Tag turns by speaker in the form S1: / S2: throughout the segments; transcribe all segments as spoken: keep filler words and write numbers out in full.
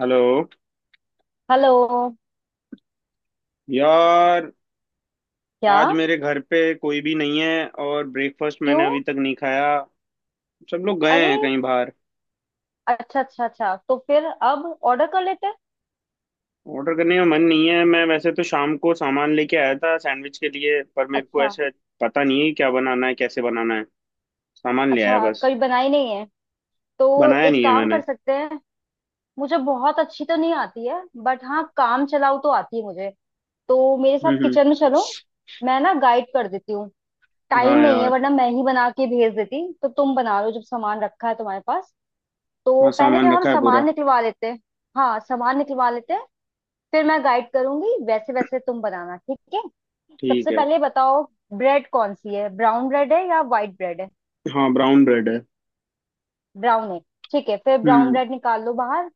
S1: Hello.
S2: Hello.
S1: यार,
S2: क्या?
S1: आज मेरे घर पे कोई भी नहीं है और ब्रेकफास्ट मैंने
S2: क्यों?
S1: अभी तक नहीं खाया। सब लोग गए
S2: अरे!
S1: हैं कहीं बाहर।
S2: अच्छा अच्छा अच्छा, तो फिर अब ऑर्डर कर लेते हैं।
S1: ऑर्डर करने का मन नहीं है। मैं वैसे तो शाम को सामान लेके आया था सैंडविच के लिए, पर मेरे को
S2: अच्छा,
S1: ऐसे पता नहीं है कि क्या बनाना है, कैसे बनाना है। सामान ले आया
S2: अच्छा
S1: बस।
S2: कभी बनाई नहीं है तो?
S1: बनाया
S2: एक
S1: नहीं है
S2: काम
S1: मैंने।
S2: कर सकते हैं। मुझे बहुत अच्छी तो नहीं आती है, बट हाँ, काम चलाऊ तो आती है मुझे। तो मेरे साथ
S1: हम्म, हम्म।
S2: किचन में चलो। मैं ना गाइड कर देती हूँ।
S1: हाँ
S2: टाइम नहीं है
S1: यार।
S2: वरना मैं ही बना के भेज देती, तो तुम बना लो जब सामान रखा है तुम्हारे पास।
S1: हाँ,
S2: तो पहले
S1: सामान
S2: हम
S1: रखा है पूरा।
S2: सामान निकलवा लेते हैं। हाँ, सामान निकलवा लेते हैं। फिर मैं गाइड करूंगी वैसे वैसे तुम बनाना, ठीक है?
S1: ठीक
S2: सबसे
S1: है।
S2: पहले बताओ, ब्रेड कौन सी है, ब्राउन ब्रेड है या वाइट ब्रेड है?
S1: हाँ, ब्राउन ब्रेड है।
S2: ब्राउन है, ठीक है, फिर ब्राउन
S1: हम्म।
S2: ब्रेड निकाल लो बाहर।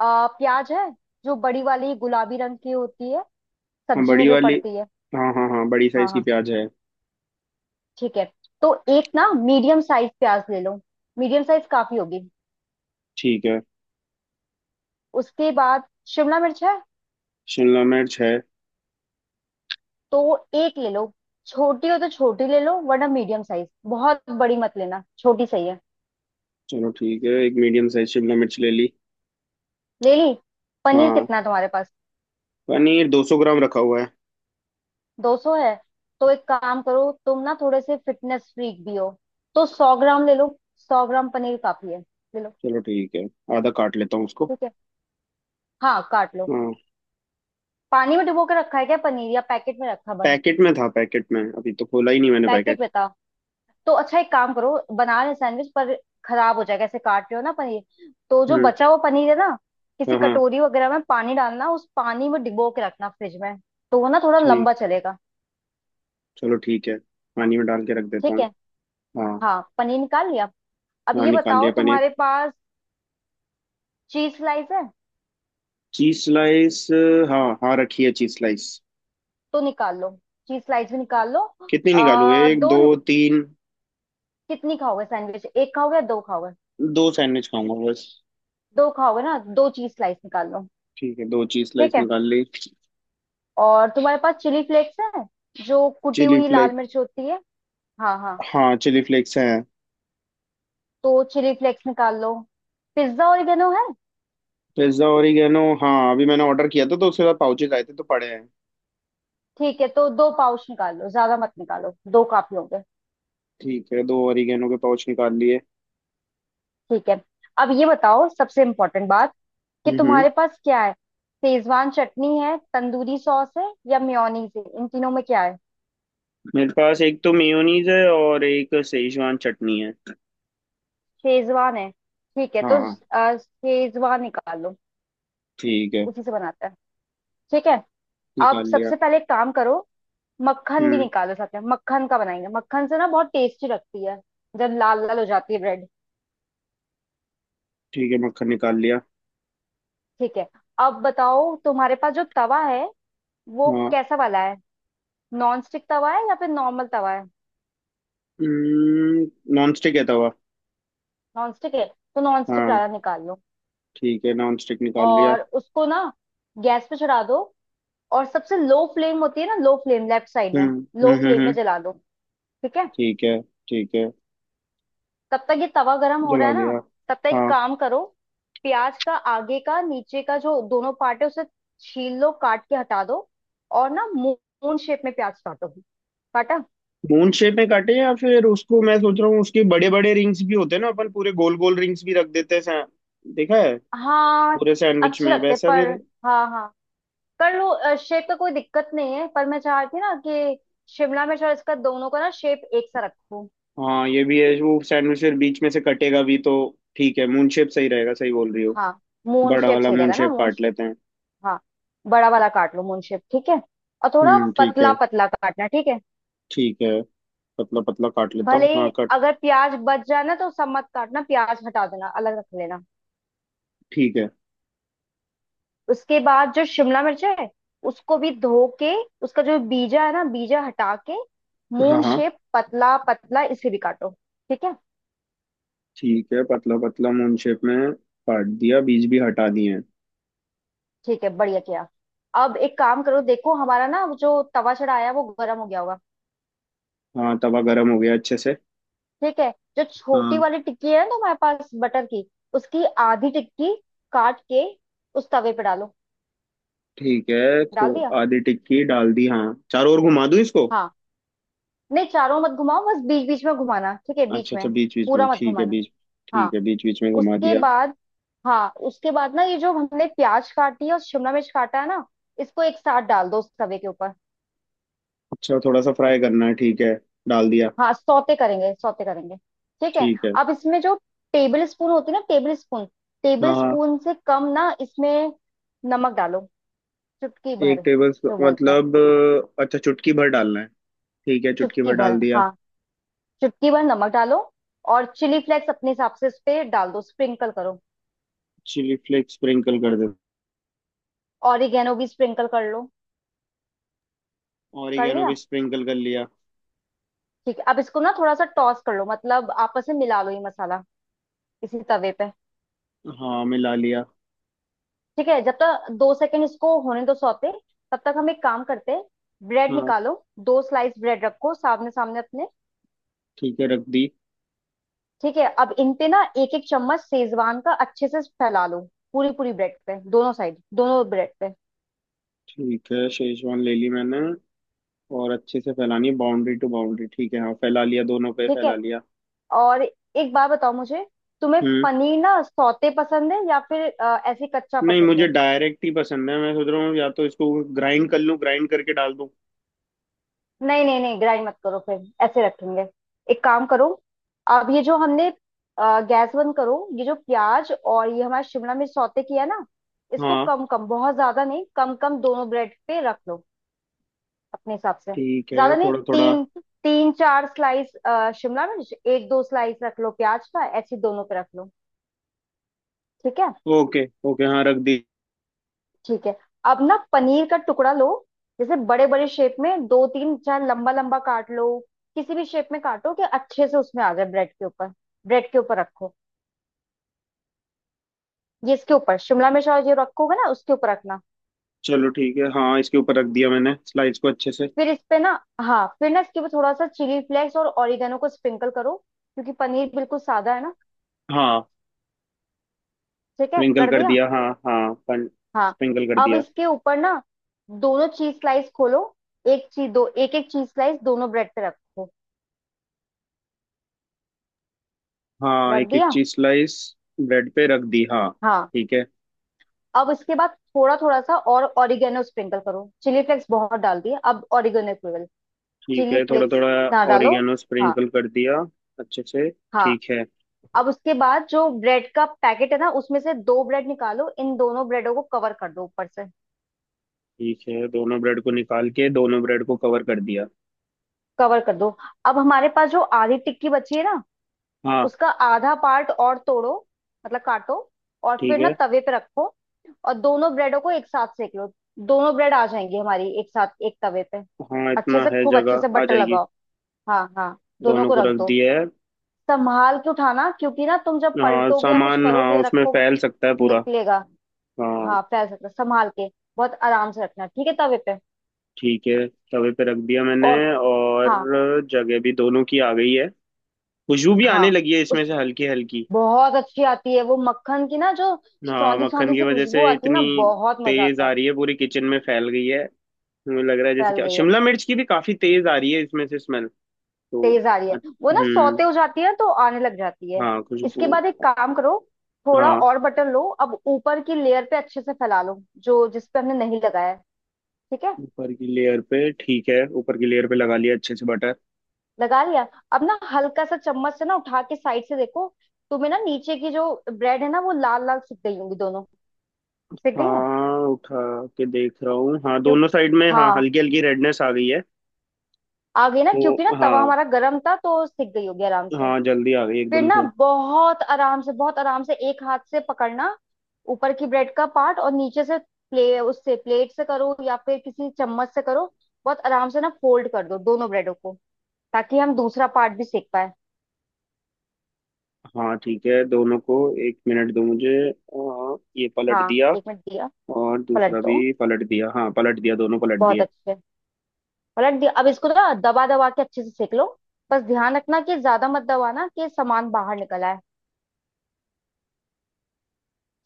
S2: आ, प्याज है, जो बड़ी वाली गुलाबी रंग की होती है,
S1: हाँ
S2: सब्जी में
S1: बड़ी
S2: जो
S1: वाली।
S2: पड़ती है।
S1: हाँ हाँ हाँ, बड़ी
S2: हाँ
S1: साइज की
S2: हाँ,
S1: प्याज है।
S2: ठीक है। तो एक ना मीडियम साइज प्याज ले लो, मीडियम साइज काफी होगी।
S1: ठीक है।
S2: उसके बाद शिमला मिर्च है,
S1: शिमला मिर्च है।
S2: तो एक ले लो। छोटी हो तो छोटी ले लो, वरना मीडियम साइज। बहुत बड़ी मत लेना, छोटी सही है।
S1: चलो ठीक है, एक मीडियम साइज शिमला मिर्च ले ली।
S2: ले ली? पनीर
S1: हाँ,
S2: कितना है तुम्हारे पास?
S1: पनीर दो सौ ग्राम रखा हुआ है।
S2: दो सौ है? तो एक काम करो, तुम ना थोड़े से फिटनेस फ्रीक भी हो, तो सौ ग्राम ले लो। सौ ग्राम पनीर काफी है, ले लो।
S1: चलो ठीक है, आधा काट लेता हूँ उसको।
S2: ठीक है, हाँ काट लो।
S1: हाँ,
S2: पानी में डुबो के रखा है क्या पनीर, या पैकेट में रखा बंद?
S1: पैकेट में था। पैकेट में अभी तो खोला ही नहीं मैंने
S2: पैकेट
S1: पैकेट।
S2: में था? तो अच्छा, एक काम करो, बना रहे सैंडविच पर खराब हो जाएगा ऐसे काट रहे हो ना पनीर। तो जो
S1: हम्म।
S2: बचा हुआ पनीर है ना, किसी
S1: हाँ हाँ।
S2: कटोरी वगैरह में पानी डालना, उस पानी में डिबो के रखना फ्रिज में, तो वो ना थोड़ा लंबा
S1: ठीक।
S2: चलेगा।
S1: चलो ठीक है, पानी में डाल के रख देता
S2: ठीक
S1: हूँ।
S2: है,
S1: हाँ।
S2: हाँ पनीर निकाल लिया। अब
S1: हाँ,
S2: ये
S1: निकाल
S2: बताओ,
S1: लिया पनीर।
S2: तुम्हारे पास चीज स्लाइस है?
S1: Cheese slice? हाँ हाँ, रखी है चीज स्लाइस।
S2: तो निकाल लो, चीज स्लाइस भी निकाल लो।
S1: कितनी निकालू,
S2: आ,
S1: एक,
S2: दो
S1: दो,
S2: नि-
S1: तीन?
S2: कितनी खाओगे सैंडविच, एक खाओगे या दो खाओगे?
S1: दो सैंडविच खाऊंगा बस।
S2: दो खाओगे ना, दो चीज स्लाइस निकाल लो।
S1: ठीक है, दो चीज स्लाइस
S2: ठीक है,
S1: निकाल ली।
S2: और तुम्हारे पास चिली फ्लेक्स है? जो कुटी
S1: चिली
S2: हुई लाल
S1: फ्लेक्स?
S2: मिर्च होती है। हाँ हाँ,
S1: हाँ चिली फ्लेक्स है।
S2: तो चिली फ्लेक्स निकाल लो। पिज्जा ओरिगेनो है?
S1: Pizza oregano? हाँ, अभी मैंने ऑर्डर किया था तो उसके बाद पाउचेज आए थे तो पड़े हैं।
S2: ठीक है, तो दो पाउच निकाल लो, ज्यादा मत निकालो, दो काफी होंगे।
S1: ठीक है, दो ओरिगेनो के पाउच निकाल लिए।
S2: ठीक है, अब ये बताओ सबसे इम्पोर्टेंट बात, कि
S1: हम्म, हम्म।
S2: तुम्हारे पास क्या है, शेजवान चटनी है, तंदूरी सॉस है, या मेयोनीज है, इन तीनों में क्या है?
S1: मेरे पास एक तो मेयोनीज है और एक सेजवान चटनी है।
S2: शेजवान है, ठीक है तो।
S1: हाँ।
S2: अ, शेजवान निकालो,
S1: ठीक है,
S2: उसी से बनाते हैं। ठीक है। अब
S1: निकाल लिया।
S2: सबसे पहले एक काम करो, मक्खन भी
S1: हम्म।
S2: निकालो साथ में, मक्खन का बनाएंगे, मक्खन से ना बहुत टेस्टी लगती है, जब लाल लाल हो जाती है ब्रेड।
S1: ठीक है, मक्खन निकाल लिया।
S2: ठीक है, अब बताओ तुम्हारे पास जो तवा है, वो
S1: हाँ।
S2: कैसा वाला है? नॉन स्टिक तवा है, या फिर नॉर्मल तवा है?
S1: हम्म। नॉन स्टिक है तवा।
S2: नॉन स्टिक है, तो नॉन स्टिक
S1: हाँ
S2: वाला निकाल लो।
S1: ठीक है, नॉन स्टिक निकाल लिया।
S2: और उसको ना गैस पे चढ़ा दो, और सबसे लो फ्लेम होती है ना, लो फ्लेम लेफ्ट साइड
S1: हम्म
S2: में, लो
S1: हम्म हम्म
S2: फ्लेम में
S1: हम्म,
S2: जला दो। ठीक है,
S1: ठीक है। ठीक है,
S2: तब तक ये तवा गरम हो रहा
S1: जला
S2: है ना,
S1: लिया।
S2: तब तक एक
S1: हाँ।
S2: काम करो, प्याज का आगे का नीचे का जो दोनों पार्ट है उसे छील लो, काट के हटा दो, और ना मून शेप में प्याज काटो। काटा?
S1: मून शेप में काटे या फिर उसको मैं सोच रहा हूँ, उसके बड़े बड़े रिंग्स भी होते हैं ना, अपन पूरे गोल गोल रिंग्स भी रख देते हैं, सा- देखा है।
S2: हाँ,
S1: पूरे सैंडविच
S2: अच्छे
S1: में
S2: लगते हैं,
S1: वैसा भी
S2: पर
S1: रहे।
S2: हाँ हाँ कर लो, शेप का कोई दिक्कत नहीं है, पर मैं चाह रही थी ना कि शिमला मिर्च और इसका दोनों का ना शेप एक सा रखूं।
S1: हाँ, ये भी है, वो सैंडविच फिर बीच में से कटेगा भी तो। ठीक है, मून शेप सही रहेगा। सही बोल रही हो।
S2: हाँ, मून
S1: बड़ा
S2: शेप
S1: वाला
S2: सही
S1: मून
S2: रहेगा ना,
S1: शेप
S2: मून
S1: काट
S2: शेप।
S1: लेते हैं।
S2: हाँ, बड़ा वाला काट लो मून शेप, ठीक है। और थोड़ा
S1: हम्म ठीक है।
S2: पतला पतला काटना, ठीक है।
S1: ठीक है, पतला पतला काट लेता
S2: भले
S1: हूँ।
S2: ही
S1: हाँ कट।
S2: अगर प्याज बच जाए ना, तो सब मत काटना, प्याज हटा देना, अलग रख लेना।
S1: ठीक है।
S2: उसके बाद जो शिमला मिर्च है, उसको भी धो के, उसका जो बीजा है ना, बीजा हटा के,
S1: हाँ
S2: मून
S1: हाँ।
S2: शेप पतला पतला इसे भी काटो। ठीक है,
S1: ठीक है, पतला पतला मून शेप में काट दिया, बीज भी हटा दिए हैं।
S2: ठीक है, बढ़िया किया। अब एक काम करो, देखो हमारा ना वो जो तवा चढ़ाया है, वो गर्म हो गया होगा।
S1: हाँ, तवा गरम हो गया अच्छे से।
S2: ठीक है, जो छोटी
S1: हाँ।
S2: वाली टिक्की है ना हमारे पास बटर की, उसकी आधी टिक्की काट के उस तवे पे डालो।
S1: ठीक है खो।
S2: डाल दिया?
S1: आधी टिक्की डाल दी हाँ। चारों ओर घुमा दूं इसको?
S2: हाँ, नहीं चारों मत घुमाओ, बस बीच बीच में घुमाना, ठीक है, बीच
S1: अच्छा अच्छा,
S2: में।
S1: बीच बीच में,
S2: पूरा मत
S1: ठीक है,
S2: घुमाना।
S1: बीच। ठीक
S2: हाँ
S1: है, बीच बीच में घुमा
S2: उसके
S1: दिया।
S2: बाद, हाँ उसके बाद ना ये जो हमने प्याज काटी है और शिमला मिर्च काटा है ना, इसको एक साथ डाल दो उस तवे के ऊपर।
S1: अच्छा, थोड़ा सा फ्राई करना है, ठीक है। डाल दिया।
S2: हाँ, सौते करेंगे, सौते करेंगे। ठीक है।
S1: ठीक है।
S2: अब इसमें जो टेबल स्पून होती है ना, टेबल स्पून, टेबल
S1: हाँ हाँ।
S2: स्पून से कम ना इसमें नमक डालो, चुटकी
S1: एक
S2: भर
S1: टेबल,
S2: जो बोलते हैं।
S1: मतलब अ, अच्छा, चुटकी भर डालना है। ठीक है, चुटकी भर
S2: चुटकी भर
S1: डाल दिया।
S2: हाँ, चुटकी भर नमक डालो। और चिली फ्लेक्स अपने हिसाब से उस पे डाल दो, स्प्रिंकल करो।
S1: चिली फ्लेक्स स्प्रिंकल कर
S2: ऑरिगेनो भी स्प्रिंकल कर लो।
S1: दिया।
S2: कर
S1: ऑरिगेनो
S2: लिया?
S1: भी स्प्रिंकल कर लिया।
S2: ठीक है, अब इसको ना थोड़ा सा टॉस कर लो, मतलब आपस में मिला लो ये मसाला, इसी तवे पे।
S1: हाँ, मिला लिया।
S2: ठीक है, जब तक दो सेकंड इसको होने दो सौते, तब तक हम एक काम करते हैं। ब्रेड
S1: हाँ
S2: निकालो, दो स्लाइस ब्रेड रखो सामने सामने अपने।
S1: ठीक है, रख दी।
S2: ठीक है, अब इन पे ना एक एक चम्मच सेजवान का अच्छे से फैला लो, पूरी पूरी ब्रेड पे, दोनों साइड, दोनों ब्रेड पे।
S1: ठीक है, शेजवान ले ली मैंने। और अच्छे से फैलानी है, बाउंड्री टू बाउंड्री, ठीक है। हाँ, फैला लिया, दोनों पे
S2: ठीक है,
S1: फैला लिया।
S2: और एक बार बताओ मुझे, तुम्हें
S1: हम्म।
S2: पनीर ना सौते पसंद है, या फिर अ, ऐसे ही कच्चा
S1: नहीं,
S2: पसंद
S1: मुझे
S2: है?
S1: डायरेक्ट ही पसंद है। मैं सोच रहा हूँ या तो इसको ग्राइंड कर लूँ, ग्राइंड करके डाल दूँ।
S2: नहीं नहीं नहीं, ग्राइंड मत करो, फिर ऐसे रखेंगे। एक काम करो, अब ये जो हमने गैस बंद करो, ये जो प्याज और ये हमारा शिमला मिर्च सौते किया ना, इसको
S1: हाँ।
S2: कम कम, बहुत ज्यादा नहीं, कम कम दोनों ब्रेड पे रख लो, अपने हिसाब से।
S1: ठीक है,
S2: ज्यादा नहीं,
S1: थोड़ा थोड़ा।
S2: तीन, तीन चार स्लाइस शिमला मिर्च, एक दो स्लाइस रख लो प्याज का, ऐसे दोनों पे रख लो। ठीक है,
S1: ओके ओके, हाँ रख।
S2: ठीक है। अब ना पनीर का टुकड़ा लो, जैसे बड़े बड़े शेप में दो तीन, चाहे लंबा लंबा काट लो, किसी भी शेप में काटो, कि अच्छे से उसमें आ जाए ब्रेड के ऊपर। ब्रेड के ऊपर रखो, ये इसके ऊपर, शिमला मिर्च और जो रखोगे ना उसके ऊपर रखना।
S1: चलो ठीक है, हाँ इसके ऊपर रख दिया मैंने स्लाइस को अच्छे से।
S2: फिर इस पे ना, हाँ फिर ना इसके ऊपर थोड़ा सा चिली फ्लेक्स और ऑरिगेनो को स्प्रिंकल करो, क्योंकि पनीर बिल्कुल सादा है ना।
S1: हाँ,
S2: ठीक है,
S1: स्प्रिंकल
S2: कर
S1: कर
S2: दिया?
S1: दिया। हाँ हाँ पन
S2: हाँ,
S1: स्प्रिंकल कर
S2: अब
S1: दिया।
S2: इसके ऊपर ना दोनों चीज स्लाइस खोलो, एक चीज दो, एक एक चीज स्लाइस दोनों ब्रेड पे रखो।
S1: हाँ
S2: रख
S1: एक एक
S2: दिया?
S1: Cheese slice. ब्रेड पे रख दी। हाँ।
S2: हाँ।
S1: ठीक है।
S2: अब इसके बाद थोड़ा थोड़ा सा और ऑरिगेनो स्प्रिंकल करो, चिली फ्लेक्स बहुत डाल दिए, अब ऑरिगेनो केवल,
S1: ठीक
S2: चिली
S1: है, थोड़ा
S2: फ्लेक्स
S1: थोड़ा।
S2: ना डालो।
S1: ओरिगेनो
S2: हाँ
S1: स्प्रिंकल कर दिया अच्छे से।
S2: हाँ,
S1: ठीक है।
S2: अब उसके बाद जो ब्रेड का पैकेट है ना, उसमें से दो ब्रेड निकालो, इन दोनों ब्रेडों को कवर कर दो ऊपर से।
S1: ठीक है, दोनों ब्रेड को निकाल के दोनों ब्रेड को कवर कर दिया।
S2: कवर कर दो, अब हमारे पास जो आधी टिक्की बची है ना,
S1: हाँ।
S2: उसका आधा पार्ट और तोड़ो, मतलब काटो, और
S1: ठीक
S2: फिर ना
S1: है।
S2: तवे पे रखो, और दोनों ब्रेडों को एक साथ सेक लो। दोनों ब्रेड आ जाएंगी हमारी एक साथ एक तवे पे।
S1: हाँ,
S2: अच्छे
S1: इतना
S2: से
S1: है,
S2: खूब अच्छे से
S1: जगह आ
S2: बटर
S1: जाएगी।
S2: लगाओ। हाँ हाँ, दोनों
S1: दोनों
S2: को
S1: को
S2: रख
S1: रख
S2: दो।
S1: दिया है।
S2: संभाल के उठाना, क्योंकि ना तुम जब
S1: हाँ
S2: पलटोगे या कुछ
S1: सामान,
S2: करोगे
S1: हाँ
S2: या
S1: उसमें
S2: रखोगे,
S1: फैल सकता है पूरा।
S2: निकलेगा।
S1: हाँ।
S2: हाँ फैल सकता है। संभाल के बहुत आराम से रखना, ठीक है तवे पे।
S1: ठीक है, तवे पे रख दिया मैंने।
S2: और
S1: और
S2: हाँ
S1: जगह भी दोनों की आ गई है। खुशबू भी
S2: हाँ,
S1: आने लगी है इसमें
S2: उस
S1: से हल्की हल्की।
S2: बहुत अच्छी आती है वो मक्खन की ना, जो
S1: हाँ,
S2: सौंधी
S1: मक्खन
S2: सौंधी
S1: की
S2: सी
S1: वजह से
S2: खुशबू आती है
S1: इतनी
S2: ना, बहुत मजा
S1: तेज
S2: आता है।
S1: आ रही है, पूरी किचन में फैल गई है। मुझे लग रहा है जैसे
S2: फैल
S1: क्या
S2: गई है,
S1: शिमला मिर्च की भी काफी तेज आ रही है इसमें से स्मेल। तो
S2: तेज आ रही
S1: अ-
S2: है। वो ना
S1: हम्म।
S2: सौते हो जाती है तो आने लग जाती है।
S1: हाँ खुशबू।
S2: इसके बाद एक काम करो, थोड़ा
S1: हाँ
S2: और बटर लो, अब ऊपर की लेयर पे अच्छे से फैला लो, जो जिस पे हमने नहीं लगाया है। ठीक है,
S1: ऊपर की लेयर पे, ठीक है, ऊपर की लेयर पे लगा लिया अच्छे से बटर।
S2: लगा लिया। अब ना हल्का सा चम्मच से ना उठा के साइड से देखो, तुम्हें ना नीचे की जो ब्रेड है ना, वो लाल लाल सिक गई होंगी दोनों। सिक गई है?
S1: हाँ उठा के देख रहा हूँ, हाँ
S2: क्यों?
S1: दोनों साइड में, हाँ
S2: हाँ,
S1: हल्की हल्की रेडनेस आ गई है।
S2: आ गई ना, क्योंकि ना
S1: वो
S2: तवा
S1: हाँ।
S2: हमारा गर्म था तो सिक गई होगी आराम से।
S1: हाँ, जल्दी आ गई
S2: फिर
S1: एकदम
S2: ना
S1: से।
S2: बहुत आराम से, बहुत आराम से एक हाथ से पकड़ना, ऊपर की ब्रेड का पार्ट, और नीचे से प्ले, उससे प्लेट से करो या फिर किसी चम्मच से करो, बहुत आराम से ना फोल्ड कर दो दोनों ब्रेडों को, ताकि हम दूसरा पार्ट भी सेक पाए।
S1: हाँ ठीक है, दोनों को एक मिनट दो मुझे। आ, ये पलट
S2: हाँ
S1: दिया।
S2: एक मिनट दिया,
S1: और
S2: पलट
S1: दूसरा
S2: दो,
S1: भी पलट दिया, हाँ पलट दिया, दोनों पलट
S2: बहुत
S1: दिए।
S2: अच्छे। पलट दिया, अब इसको ना दबा दबा के अच्छे से सेक लो, बस ध्यान रखना कि ज्यादा मत दबाना कि सामान बाहर निकल आए।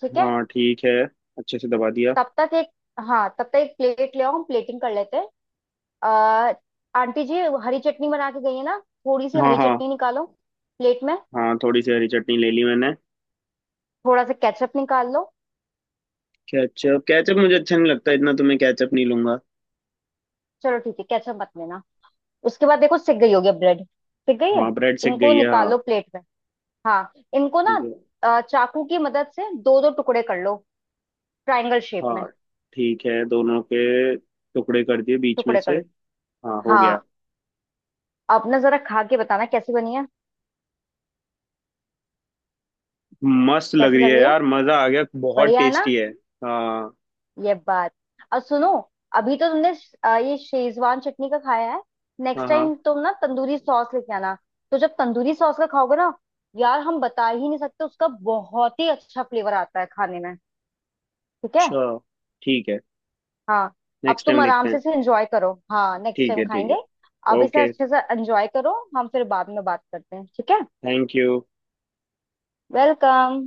S2: ठीक है,
S1: हाँ ठीक है, अच्छे से दबा दिया।
S2: तब तक एक, हाँ तब तक एक प्लेट ले आओ, हम प्लेटिंग कर लेते हैं। अ, आंटी जी हरी चटनी बना के गई है ना, थोड़ी सी
S1: हाँ।
S2: हरी
S1: हाँ
S2: चटनी निकालो प्लेट में।
S1: हाँ, थोड़ी सी हरी चटनी ले ली मैंने।
S2: थोड़ा सा केचप निकाल लो।
S1: केचप? केचप मुझे अच्छा नहीं लगता इतना, तो मैं केचप नहीं लूंगा।
S2: चलो ठीक है, केचप मत लेना। उसके बाद देखो सिक गई होगी ब्रेड, सिक गई है,
S1: हाँ, ब्रेड सिक
S2: इनको
S1: गई है। हाँ।
S2: निकालो प्लेट में। हाँ इनको ना
S1: ठीक है।
S2: अ, चाकू की मदद से दो दो टुकड़े कर लो, ट्रायंगल शेप में।
S1: हाँ। ठीक है, दोनों के टुकड़े कर दिए बीच में
S2: टुकड़े
S1: से।
S2: कर लो।
S1: हाँ हो गया।
S2: हाँ, अब ना जरा खा के बताना कैसी बनी है।
S1: मस्त लग
S2: कैसी
S1: रही
S2: लग
S1: है
S2: रही है,
S1: यार, मजा आ गया, बहुत
S2: बढ़िया है ना?
S1: टेस्टी है। हाँ।
S2: ये बात। और सुनो, अभी तो तुमने अ, ये शेजवान चटनी का खाया है,
S1: हाँ।
S2: नेक्स्ट
S1: हाँ।
S2: टाइम तुम ना तंदूरी सॉस लेके आना। तो जब तंदूरी सॉस का खाओगे ना, यार हम बता ही नहीं सकते, उसका बहुत ही अच्छा फ्लेवर आता है खाने में। ठीक है,
S1: अच्छा। ठीक है,
S2: हाँ। अब
S1: नेक्स्ट
S2: तुम
S1: टाइम देखते
S2: आराम से
S1: हैं।
S2: इसे एंजॉय करो, हाँ नेक्स्ट
S1: ठीक
S2: टाइम
S1: है, ठीक
S2: खाएंगे।
S1: है।
S2: अब इसे
S1: ओके।
S2: अच्छे से एंजॉय करो, हम फिर बाद में बात करते हैं, ठीक है।
S1: Thank you.
S2: वेलकम।